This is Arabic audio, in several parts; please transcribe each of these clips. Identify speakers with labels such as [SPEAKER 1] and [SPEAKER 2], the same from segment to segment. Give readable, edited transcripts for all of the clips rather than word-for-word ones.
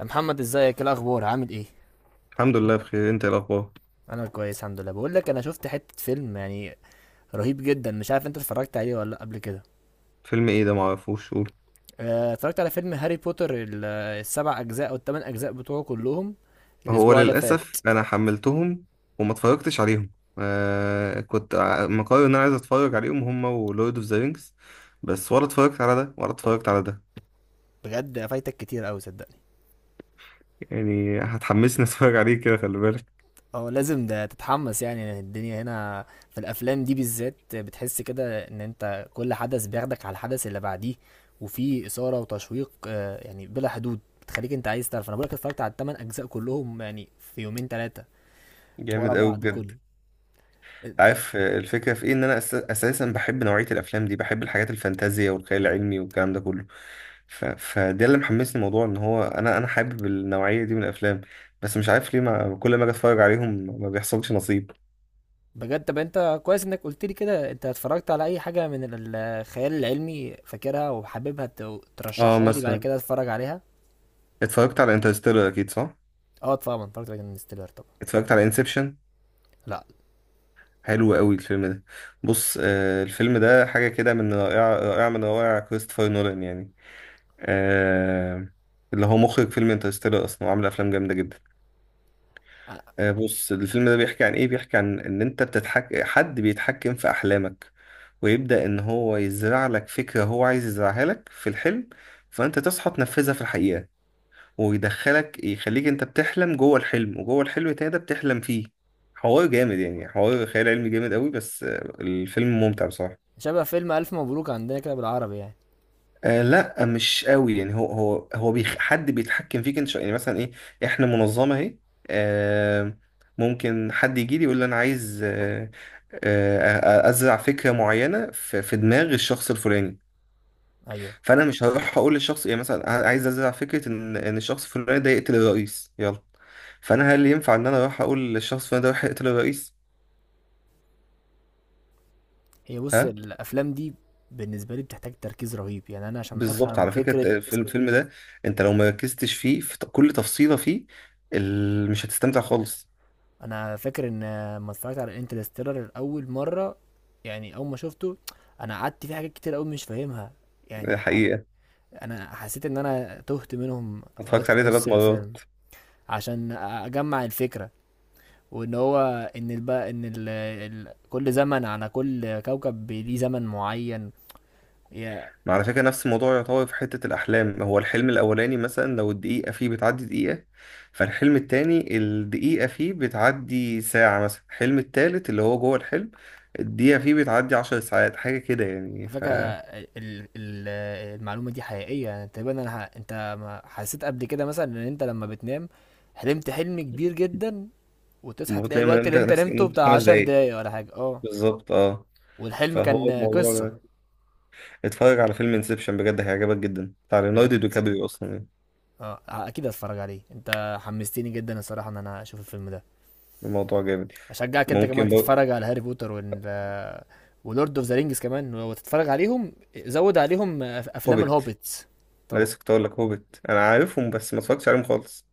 [SPEAKER 1] يا محمد، ازيك؟ إيه الاخبار؟ عامل ايه؟
[SPEAKER 2] الحمد لله، بخير. انت ايه الاخبار؟
[SPEAKER 1] انا كويس، الحمد لله. بقول لك انا شفت حته فيلم يعني رهيب جدا. مش عارف انت اتفرجت عليه ولا لأ قبل كده؟
[SPEAKER 2] فيلم ايه ده؟ معرفوش، قول.
[SPEAKER 1] اتفرجت على فيلم هاري بوتر السبع اجزاء او الثمان اجزاء بتوعه كلهم
[SPEAKER 2] هو
[SPEAKER 1] الاسبوع اللي فات.
[SPEAKER 2] للاسف انا حملتهم وما اتفرجتش عليهم. آه، كنت مقرر ان انا عايز اتفرج عليهم هما ولورد اوف ذا رينجز. بس ولا اتفرجت على ده ولا اتفرجت على ده.
[SPEAKER 1] بجد فايتك كتير قوي، صدقني.
[SPEAKER 2] يعني هتحمسني اتفرج عليه؟ كده خلي بالك.
[SPEAKER 1] اه، لازم ده تتحمس. يعني الدنيا هنا في الافلام دي بالذات بتحس كده ان انت كل حدث بياخدك على الحدث اللي بعديه، وفي اثاره وتشويق يعني بلا حدود، بتخليك انت عايز تعرف. انا بقولك اتفرجت على الثمان اجزاء كلهم يعني في يومين ثلاثه ورا
[SPEAKER 2] جامد قوي
[SPEAKER 1] بعض
[SPEAKER 2] بجد.
[SPEAKER 1] كله.
[SPEAKER 2] عارف الفكرة في ايه؟ ان انا اساسا بحب نوعية الافلام دي، بحب الحاجات الفانتازيا والخيال العلمي والكلام ده كله. فده اللي محمسني الموضوع، ان هو انا حابب النوعية دي من الافلام. بس مش عارف ليه، ما... كل ما اجي اتفرج عليهم ما بيحصلش نصيب.
[SPEAKER 1] بجد. طب انت كويس انك قلت لي كده. انت اتفرجت على اي حاجة من الخيال العلمي فاكرها وحاببها
[SPEAKER 2] اه،
[SPEAKER 1] ترشحها لي بعد
[SPEAKER 2] مثلا
[SPEAKER 1] كده اتفرج عليها؟
[SPEAKER 2] اتفرجت على انترستيلر، اكيد صح؟
[SPEAKER 1] اه طبعا اتفرجت على انستيلر طبعا.
[SPEAKER 2] اتفرجت على انسبشن.
[SPEAKER 1] لا.
[SPEAKER 2] حلو قوي الفيلم ده. بص، آه الفيلم ده حاجة كده من رائعة، رائعة من روائع كريستوفر نولان يعني. آه. اللي هو مخرج فيلم انترستيلر اصلا، وعامل افلام جامدة جدا. بص الفيلم ده بيحكي عن ايه؟ بيحكي عن ان انت بتتحك، حد بيتحكم في احلامك، ويبدأ ان هو يزرع لك فكرة هو عايز يزرعها لك في الحلم، فانت تصحى تنفذها في الحقيقة، ويدخلك يخليك انت بتحلم جوه الحلم، وجوه الحلم التاني ده بتحلم فيه. حوار جامد، يعني حوار خيال علمي جامد قوي، بس الفيلم ممتع بصراحة.
[SPEAKER 1] شبه فيلم الف مبروك عندنا كده بالعربي يعني؟
[SPEAKER 2] آه، لا مش قوي يعني، هو حد بيتحكم فيك انت، يعني مثلا ايه، احنا منظمه اهي. آه. ممكن حد يجي لي يقول لي انا عايز. ازرع فكره معينه في دماغ الشخص الفلاني.
[SPEAKER 1] ايوه.
[SPEAKER 2] فانا مش هروح اقول للشخص يعني، مثلا عايز ازرع فكره ان الشخص الفلاني ده يقتل الرئيس، يلا. فانا هل ينفع ان انا اروح اقول للشخص الفلاني ده يروح يقتل الرئيس؟
[SPEAKER 1] هي بص،
[SPEAKER 2] ها.
[SPEAKER 1] الافلام دي بالنسبة لي بتحتاج تركيز رهيب يعني، انا عشان
[SPEAKER 2] بالظبط،
[SPEAKER 1] افهم
[SPEAKER 2] على
[SPEAKER 1] فكرة.
[SPEAKER 2] فكره. في الفيلم ده انت لو مركزتش فيه في كل تفصيله فيه مش هتستمتع خالص.
[SPEAKER 1] انا فاكر ان ما اتفرجت على انترستيلر اول مرة، يعني اول ما شفته انا قعدت فيه حاجات كتير قوي مش فاهمها
[SPEAKER 2] دي
[SPEAKER 1] يعني.
[SPEAKER 2] حقيقة.
[SPEAKER 1] انا حسيت ان انا تهت منهم في اوقات
[SPEAKER 2] اتفرجت
[SPEAKER 1] في
[SPEAKER 2] عليه
[SPEAKER 1] نص
[SPEAKER 2] ثلاث
[SPEAKER 1] الفيلم،
[SPEAKER 2] مرات
[SPEAKER 1] عشان اجمع الفكره. وان هو ان الب... ان ال... ال... كل زمن على كل كوكب ليه زمن معين. يا
[SPEAKER 2] ما على فكرة، نفس الموضوع يعتبر في حتة الأحلام. هو الحلم الأولاني مثلا، لو الدقيقة فيه بتعدي دقيقة، فالحلم التاني الدقيقة فيه بتعدي ساعة. مثلا الحلم التالت اللي هو جوه الحلم، الدقيقة فيه بتعدي 10 ساعات، حاجة كده يعني
[SPEAKER 1] على
[SPEAKER 2] ف
[SPEAKER 1] فكره المعلومه دي حقيقيه يعني تقريبا. انت ما حسيت قبل كده مثلا ان انت لما بتنام حلمت حلم كبير جدا، وتصحى تلاقي
[SPEAKER 2] بتلاقي من
[SPEAKER 1] الوقت
[SPEAKER 2] انت
[SPEAKER 1] اللي انت
[SPEAKER 2] نفسك ان
[SPEAKER 1] نمته
[SPEAKER 2] انت
[SPEAKER 1] بتاع
[SPEAKER 2] خمس
[SPEAKER 1] عشر
[SPEAKER 2] دقايق
[SPEAKER 1] دقايق ولا حاجه؟ اه.
[SPEAKER 2] بالظبط، اه.
[SPEAKER 1] والحلم
[SPEAKER 2] فهو
[SPEAKER 1] كان
[SPEAKER 2] الموضوع
[SPEAKER 1] قصه.
[SPEAKER 2] ده. اتفرج على فيلم انسبشن بجد، هيعجبك جدا، بتاع
[SPEAKER 1] بجد.
[SPEAKER 2] ليوناردو دي كابريو اصلا يعني.
[SPEAKER 1] اه اكيد هتفرج عليه، انت حمستني جدا الصراحه ان انا اشوف الفيلم ده.
[SPEAKER 2] الموضوع جامد.
[SPEAKER 1] اشجعك انت كمان
[SPEAKER 2] ممكن برضه.
[SPEAKER 1] تتفرج على هاري بوتر ولورد اوف ذا رينجز كمان وتتفرج عليهم. زود عليهم افلام
[SPEAKER 2] هوبيت.
[SPEAKER 1] الهوبيتس.
[SPEAKER 2] انا
[SPEAKER 1] طبعا.
[SPEAKER 2] لسه كنت اقول لك هوبت، انا عارفهم بس ما اتفرجتش عليهم خالص.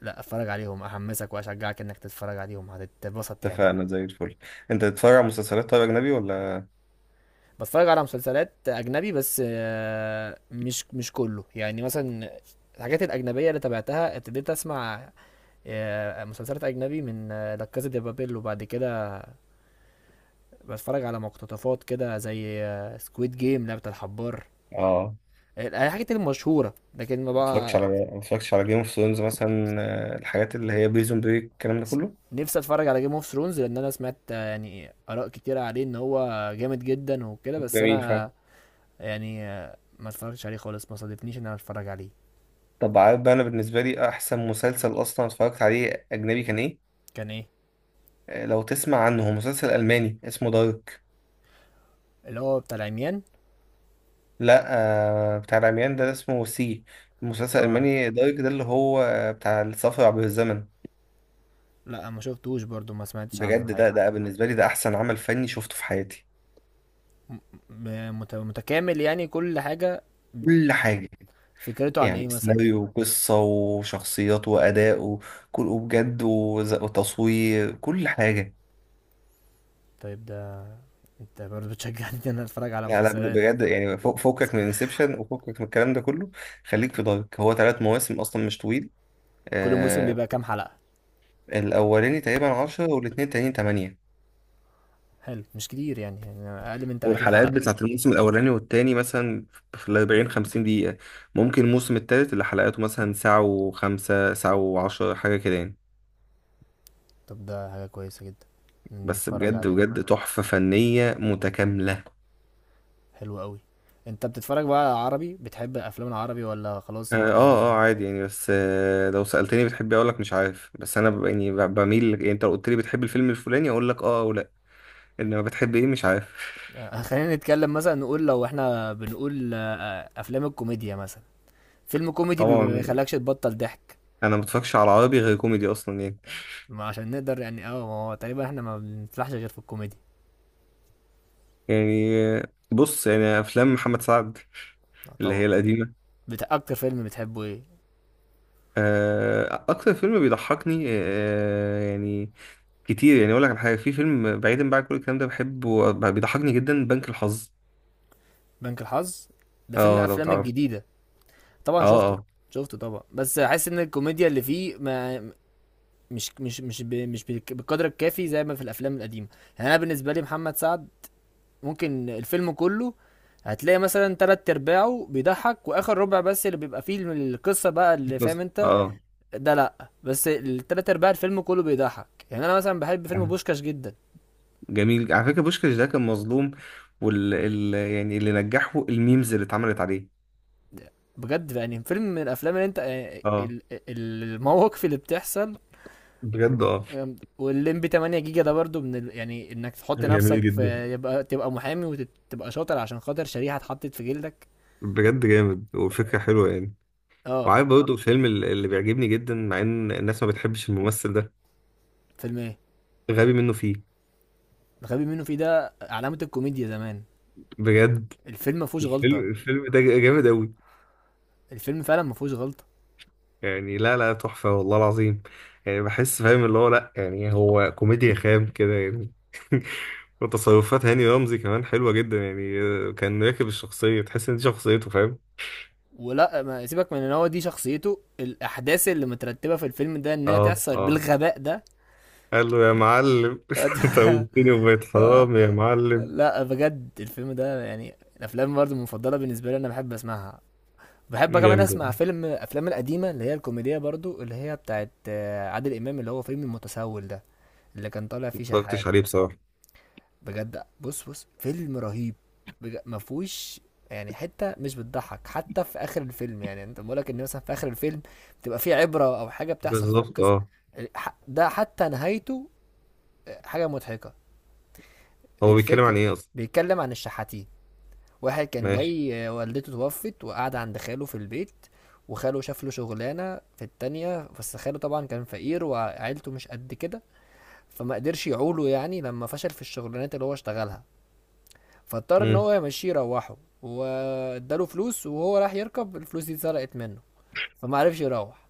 [SPEAKER 1] لا اتفرج عليهم، احمسك واشجعك انك تتفرج عليهم. هتتبسط يعني.
[SPEAKER 2] اتفقنا زي الفل. انت بتتفرج على مسلسلات طيب، اجنبي ولا؟
[SPEAKER 1] بتفرج على مسلسلات اجنبي بس مش كله يعني. مثلا الحاجات الاجنبيه اللي تابعتها ابتديت اسمع مسلسلات اجنبي من لا كازا دي بابيل. وبعد كده بتفرج على مقتطفات كده زي سكويد جيم، لعبة الحبار،
[SPEAKER 2] اه،
[SPEAKER 1] الحاجات المشهورة، لكن ما
[SPEAKER 2] ما اتفرجتش
[SPEAKER 1] بقى.
[SPEAKER 2] على ما اتفرجتش على جيم اوف ثرونز مثلا، الحاجات اللي هي بريزون بريك، الكلام ده
[SPEAKER 1] س-
[SPEAKER 2] كله.
[SPEAKER 1] نفسي اتفرج على جيم اوف ثرونز، لان انا سمعت يعني اراء كتيرة عليه ان هو جامد جدا وكده.
[SPEAKER 2] طب
[SPEAKER 1] بس
[SPEAKER 2] جميل
[SPEAKER 1] انا
[SPEAKER 2] فعلا.
[SPEAKER 1] ما اتفرجتش عليه خالص، ما صادفنيش ان انا اتفرج عليه.
[SPEAKER 2] طب عارف بقى، انا بالنسبه لي احسن مسلسل اصلا اتفرجت عليه اجنبي كان ايه؟
[SPEAKER 1] كان ايه؟
[SPEAKER 2] لو تسمع عنه، هو مسلسل الماني اسمه دارك.
[SPEAKER 1] اللي هو بتاع العميان؟
[SPEAKER 2] لا. بتاع العميان ده اسمه سي. المسلسل
[SPEAKER 1] اه.
[SPEAKER 2] الالماني دارك ده اللي هو بتاع السفر عبر الزمن.
[SPEAKER 1] لا، ما شفتوش برضو، ما سمعتش عنه
[SPEAKER 2] بجد ده
[SPEAKER 1] الحقيقة.
[SPEAKER 2] ده بالنسبه لي، ده احسن عمل فني شفته في حياتي.
[SPEAKER 1] م- متكامل يعني؟ كل حاجة.
[SPEAKER 2] كل حاجة.
[SPEAKER 1] فكرته عن ايه
[SPEAKER 2] يعني
[SPEAKER 1] مثلا؟
[SPEAKER 2] سيناريو وقصة وشخصيات وأداء وكل، وبجد وتصوير، كل حاجة.
[SPEAKER 1] طيب ده. انت برضو بتشجعني ان انا اتفرج على
[SPEAKER 2] لا، لا،
[SPEAKER 1] مسلسلات.
[SPEAKER 2] بجد يعني، فوقك من انسبشن وفوقك من الكلام ده كله. خليك في دارك، هو 3 مواسم أصلا، مش طويل.
[SPEAKER 1] كل موسم
[SPEAKER 2] آه.
[SPEAKER 1] بيبقى كام حلقة؟
[SPEAKER 2] الأولاني تقريبا 10، والاتنين التانيين 8.
[SPEAKER 1] حلو، مش كتير يعني، أقل من 30
[SPEAKER 2] والحلقات
[SPEAKER 1] حلقة.
[SPEAKER 2] بتاعت الموسم الأولاني والتاني مثلا في 40، 50 دقيقة. ممكن الموسم التالت اللي حلقاته مثلا ساعة و5، ساعة و10، حاجة كده يعني.
[SPEAKER 1] طب ده حاجة كويسة جدا،
[SPEAKER 2] بس
[SPEAKER 1] نتفرج
[SPEAKER 2] بجد
[SPEAKER 1] عليه.
[SPEAKER 2] بجد، تحفة فنية متكاملة.
[SPEAKER 1] حلو قوي. انت بتتفرج بقى على عربي؟ بتحب الافلام العربي ولا خلاص
[SPEAKER 2] اه،
[SPEAKER 1] انت؟
[SPEAKER 2] اه. عادي يعني، بس لو سألتني بتحبي اقول لك مش عارف. بس انا يعني بميل يعني، انت لو قلت لي بتحب الفيلم الفلاني اقول لك اه او لا. انما بتحب ايه؟ مش عارف.
[SPEAKER 1] خلينا نتكلم. مثلا نقول لو احنا بنقول افلام الكوميديا مثلا، فيلم كوميدي ما
[SPEAKER 2] طبعا،
[SPEAKER 1] يخلكش تبطل ضحك.
[SPEAKER 2] انا ما بتفرجش على عربي غير كوميدي اصلا يعني.
[SPEAKER 1] ما عشان نقدر يعني، اه ما هو تقريبا احنا ما بنفلحش غير في الكوميدي.
[SPEAKER 2] يعني بص يعني، افلام محمد سعد
[SPEAKER 1] آه،
[SPEAKER 2] اللي هي
[SPEAKER 1] طبعا.
[SPEAKER 2] القديمة.
[SPEAKER 1] اكتر فيلم بتحبه ايه؟
[SPEAKER 2] اكتر فيلم بيضحكني، يعني كتير يعني، اقول لك على حاجة. في فيلم بعيدا بقى عن كل الكلام ده بحبه، بيضحكني جدا، بنك الحظ.
[SPEAKER 1] بنك الحظ؟ ده فيلم من
[SPEAKER 2] اه، لو
[SPEAKER 1] الافلام
[SPEAKER 2] تعرف.
[SPEAKER 1] الجديدة. طبعا
[SPEAKER 2] اه،
[SPEAKER 1] شفته.
[SPEAKER 2] اه.
[SPEAKER 1] شفته طبعا، بس حاسس ان الكوميديا اللي فيه ما مش بالقدر الكافي زي ما في الافلام القديمه. يعني انا بالنسبه لي، محمد سعد ممكن الفيلم كله هتلاقي مثلا تلات ارباعه بيضحك، واخر ربع بس اللي بيبقى فيه القصه بقى، اللي فاهم
[SPEAKER 2] بس
[SPEAKER 1] انت.
[SPEAKER 2] اه،
[SPEAKER 1] ده لا، بس التلات ارباع الفيلم كله بيضحك. يعني انا مثلا بحب فيلم بوشكاش جدا.
[SPEAKER 2] جميل. على فكرة بوشكاش ده كان مظلوم، يعني اللي نجحه الميمز اللي اتعملت عليه.
[SPEAKER 1] بجد يعني فيلم من الافلام اللي انت
[SPEAKER 2] اه،
[SPEAKER 1] المواقف اللي بتحصل.
[SPEAKER 2] بجد اه،
[SPEAKER 1] والليمبي 8 جيجا ده برضو من يعني انك تحط
[SPEAKER 2] جميل
[SPEAKER 1] نفسك
[SPEAKER 2] جدا.
[SPEAKER 1] في، يبقى تبقى محامي وتبقى شاطر عشان خاطر شريحة اتحطت في جلدك.
[SPEAKER 2] بجد جامد، والفكرة حلوة يعني.
[SPEAKER 1] اه.
[SPEAKER 2] وعارف برضه الفيلم اللي بيعجبني جدا مع ان الناس ما بتحبش الممثل ده؟
[SPEAKER 1] فيلم ايه؟
[SPEAKER 2] غبي منه فيه.
[SPEAKER 1] الغبي منه فيه ده علامة الكوميديا زمان.
[SPEAKER 2] بجد.
[SPEAKER 1] الفيلم ما فيهوش غلطة.
[SPEAKER 2] الفيلم ده جامد قوي.
[SPEAKER 1] الفيلم فعلا ما فيهوش غلطة.
[SPEAKER 2] يعني لا، لا تحفة والله العظيم يعني. بحس، فاهم اللي هو، لا يعني هو كوميديا خام كده يعني. وتصرفات هاني رمزي كمان حلوة جدا يعني، كان راكب الشخصية، تحس ان دي شخصيته فاهم.
[SPEAKER 1] ولا ما سيبك من ان هو دي شخصيته، الاحداث اللي مترتبة في الفيلم ده انها
[SPEAKER 2] اه،
[SPEAKER 1] تحصل
[SPEAKER 2] اه.
[SPEAKER 1] بالغباء ده.
[SPEAKER 2] قال له يا معلم، توبتني وبقيت
[SPEAKER 1] آه،
[SPEAKER 2] حرام يا معلم.
[SPEAKER 1] لا، بجد الفيلم ده يعني الافلام برضو المفضلة بالنسبة لي، انا بحب اسمعها. بحب كمان
[SPEAKER 2] جامد
[SPEAKER 1] اسمع
[SPEAKER 2] والله.
[SPEAKER 1] فيلم افلام القديمه اللي هي الكوميديه، برضو اللي هي بتاعت عادل امام، اللي هو فيلم المتسول ده، اللي كان طالع
[SPEAKER 2] ما
[SPEAKER 1] فيه
[SPEAKER 2] اتفرجتش
[SPEAKER 1] شحات.
[SPEAKER 2] عليه بصراحة.
[SPEAKER 1] بجد بص بص، فيلم رهيب. ما فيهوش يعني حته مش بتضحك، حتى في اخر الفيلم. يعني انت بقولك ان مثلا في اخر الفيلم بتبقى فيه عبره او حاجه بتحصل في
[SPEAKER 2] بالظبط،
[SPEAKER 1] القصه.
[SPEAKER 2] اه.
[SPEAKER 1] ده حتى نهايته حاجه مضحكه.
[SPEAKER 2] هو بيتكلم عن
[SPEAKER 1] الفكره
[SPEAKER 2] ايه اصلا؟
[SPEAKER 1] بيتكلم عن الشحاتين. واحد كان
[SPEAKER 2] ماشي.
[SPEAKER 1] جاي والدته توفت وقعد عند خاله في البيت. وخاله شاف له شغلانه في التانية، بس خاله طبعا كان فقير وعيلته مش قد كده، فما قدرش يعوله، يعني لما فشل في الشغلانات اللي هو اشتغلها، فاضطر ان
[SPEAKER 2] مم.
[SPEAKER 1] هو يمشيه يروحه. واداله فلوس، وهو راح يركب الفلوس دي اتسرقت منه. فما عرفش يروح.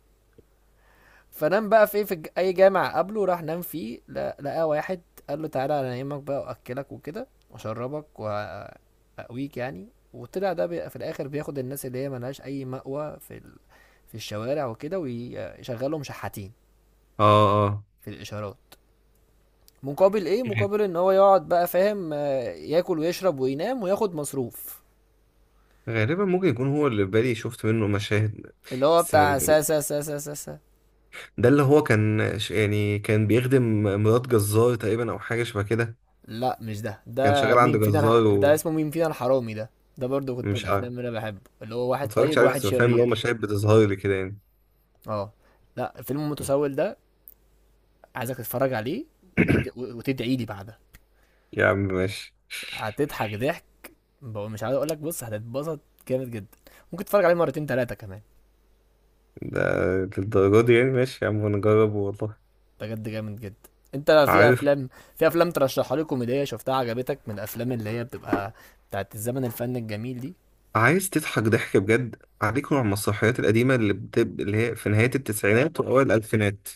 [SPEAKER 1] فنام بقى في اي جامع قبله راح نام فيه. لقى واحد قال له تعالى انا انيمك بقى واكلك وكده واشربك واقويك يعني. وطلع ده في الاخر بياخد الناس اللي هي ملهاش اي مأوى في الشوارع وكده ويشغلهم شحاتين
[SPEAKER 2] اه، اه.
[SPEAKER 1] في الاشارات. مقابل ايه؟
[SPEAKER 2] غ-
[SPEAKER 1] مقابل ان هو يقعد بقى فاهم، ياكل ويشرب وينام وياخد مصروف.
[SPEAKER 2] غالبا ممكن يكون هو اللي في بالي، شفت منه مشاهد.
[SPEAKER 1] اللي هو
[SPEAKER 2] بس
[SPEAKER 1] بتاع سا سا سا سا سا, سا.
[SPEAKER 2] ده اللي هو كان يعني كان بيخدم مرات جزار تقريبا، او حاجه شبه كده.
[SPEAKER 1] لا مش ده.
[SPEAKER 2] كان شغال عند جزار.
[SPEAKER 1] ده اسمه مين فينا الحرامي ده. ده برضو كنت من
[SPEAKER 2] ومش عارف،
[SPEAKER 1] الافلام اللي انا بحبه، اللي هو واحد
[SPEAKER 2] ما اتفرجتش
[SPEAKER 1] طيب
[SPEAKER 2] عليه،
[SPEAKER 1] واحد
[SPEAKER 2] بس بفهم اللي هو
[SPEAKER 1] شرير.
[SPEAKER 2] مشاهد بتظهر لي كده يعني.
[SPEAKER 1] اه. لا الفيلم المتسول ده عايزك تتفرج عليه، وتدعي لي بعدها.
[SPEAKER 2] يا عم ماشي.
[SPEAKER 1] هتضحك ضحك. مش عايز اقول لك بص هتتبسط. جامد جدا. ممكن تتفرج عليه مرتين ثلاثه كمان.
[SPEAKER 2] ده للدرجة دي يعني؟ ماشي يا عم، ونجرب والله.
[SPEAKER 1] بجد جامد جدا. انت
[SPEAKER 2] عارف،
[SPEAKER 1] في افلام ترشحها لي كوميديه شفتها عجبتك من الافلام اللي هي بتبقى بتاعت الزمن الفن الجميل دي؟
[SPEAKER 2] عايز تضحك ضحك بجد؟ عليك نوع من المسرحيات القديمة، اللي هي في نهاية التسعينات وأوائل الألفينات.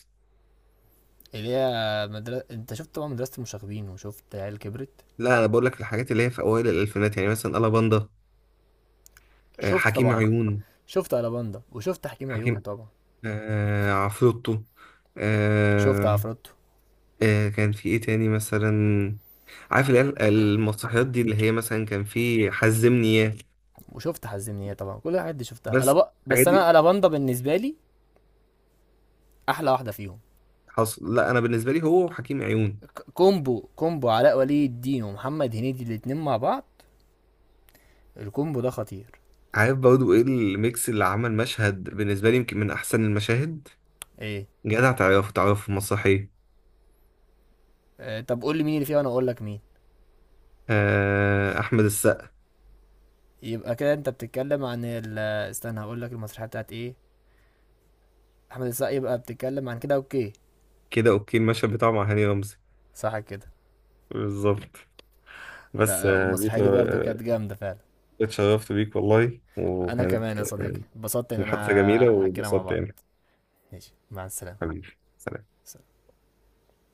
[SPEAKER 1] اللي هي مدرسة. انت شفت طبعا مدرسة المشاغبين وشفت عيال كبرت؟
[SPEAKER 2] لا، أنا بقول لك الحاجات اللي هي في أوائل الألفينات، يعني مثلا ألا باندا،
[SPEAKER 1] شفت
[SPEAKER 2] حكيم
[SPEAKER 1] طبعا.
[SPEAKER 2] عيون.
[SPEAKER 1] شفت الاباندا وشفت حكيم عيون
[SPEAKER 2] حكيم،
[SPEAKER 1] طبعا؟
[SPEAKER 2] آه عفروتو.
[SPEAKER 1] شفت
[SPEAKER 2] آه.
[SPEAKER 1] عفروتو.
[SPEAKER 2] آه كان في ايه تاني مثلا؟ عارف اللي هي المسرحيات دي، اللي هي مثلا كان في حزمني ياه.
[SPEAKER 1] وشفت حزمنيه طبعا. كل الحاجات دي شفتها
[SPEAKER 2] بس
[SPEAKER 1] ألبا. بس
[SPEAKER 2] الحاجات دي
[SPEAKER 1] انا الاباندا بالنسبه لي احلى واحده فيهم.
[SPEAKER 2] حصل. لا، انا بالنسبه لي هو وحكيم عيون.
[SPEAKER 1] كومبو كومبو علاء ولي الدين ومحمد هنيدي، الاتنين مع بعض، الكومبو ده خطير.
[SPEAKER 2] عارف برضو ايه الميكس اللي عمل مشهد بالنسبه لي يمكن من احسن المشاهد؟
[SPEAKER 1] ايه؟
[SPEAKER 2] جدع، تعرفه تعرفه في المسرحيه؟
[SPEAKER 1] آه، طب قول لي مين اللي فيه وانا اقول لك مين.
[SPEAKER 2] آه، احمد السقا.
[SPEAKER 1] يبقى كده انت بتتكلم عن استنى هقول لك المسرحيه بتاعت ايه. احمد السقا؟ يبقى بتتكلم عن كده، اوكي.
[SPEAKER 2] كده اوكي، المشهد بتاعه مع هاني رمزي.
[SPEAKER 1] صح كده.
[SPEAKER 2] بالظبط.
[SPEAKER 1] لا
[SPEAKER 2] بس
[SPEAKER 1] لا، والمسرحيه دي
[SPEAKER 2] بيتر
[SPEAKER 1] برضه كانت جامده فعلا.
[SPEAKER 2] اتشرفت بيك والله،
[SPEAKER 1] انا
[SPEAKER 2] وكانت
[SPEAKER 1] كمان يا صديقي اتبسطت ان
[SPEAKER 2] محادثة
[SPEAKER 1] انا
[SPEAKER 2] جميلة
[SPEAKER 1] حكينا مع
[SPEAKER 2] وبسطت
[SPEAKER 1] بعض.
[SPEAKER 2] يعني.
[SPEAKER 1] ماشي، مع السلامة.
[SPEAKER 2] حبيبي. سلام.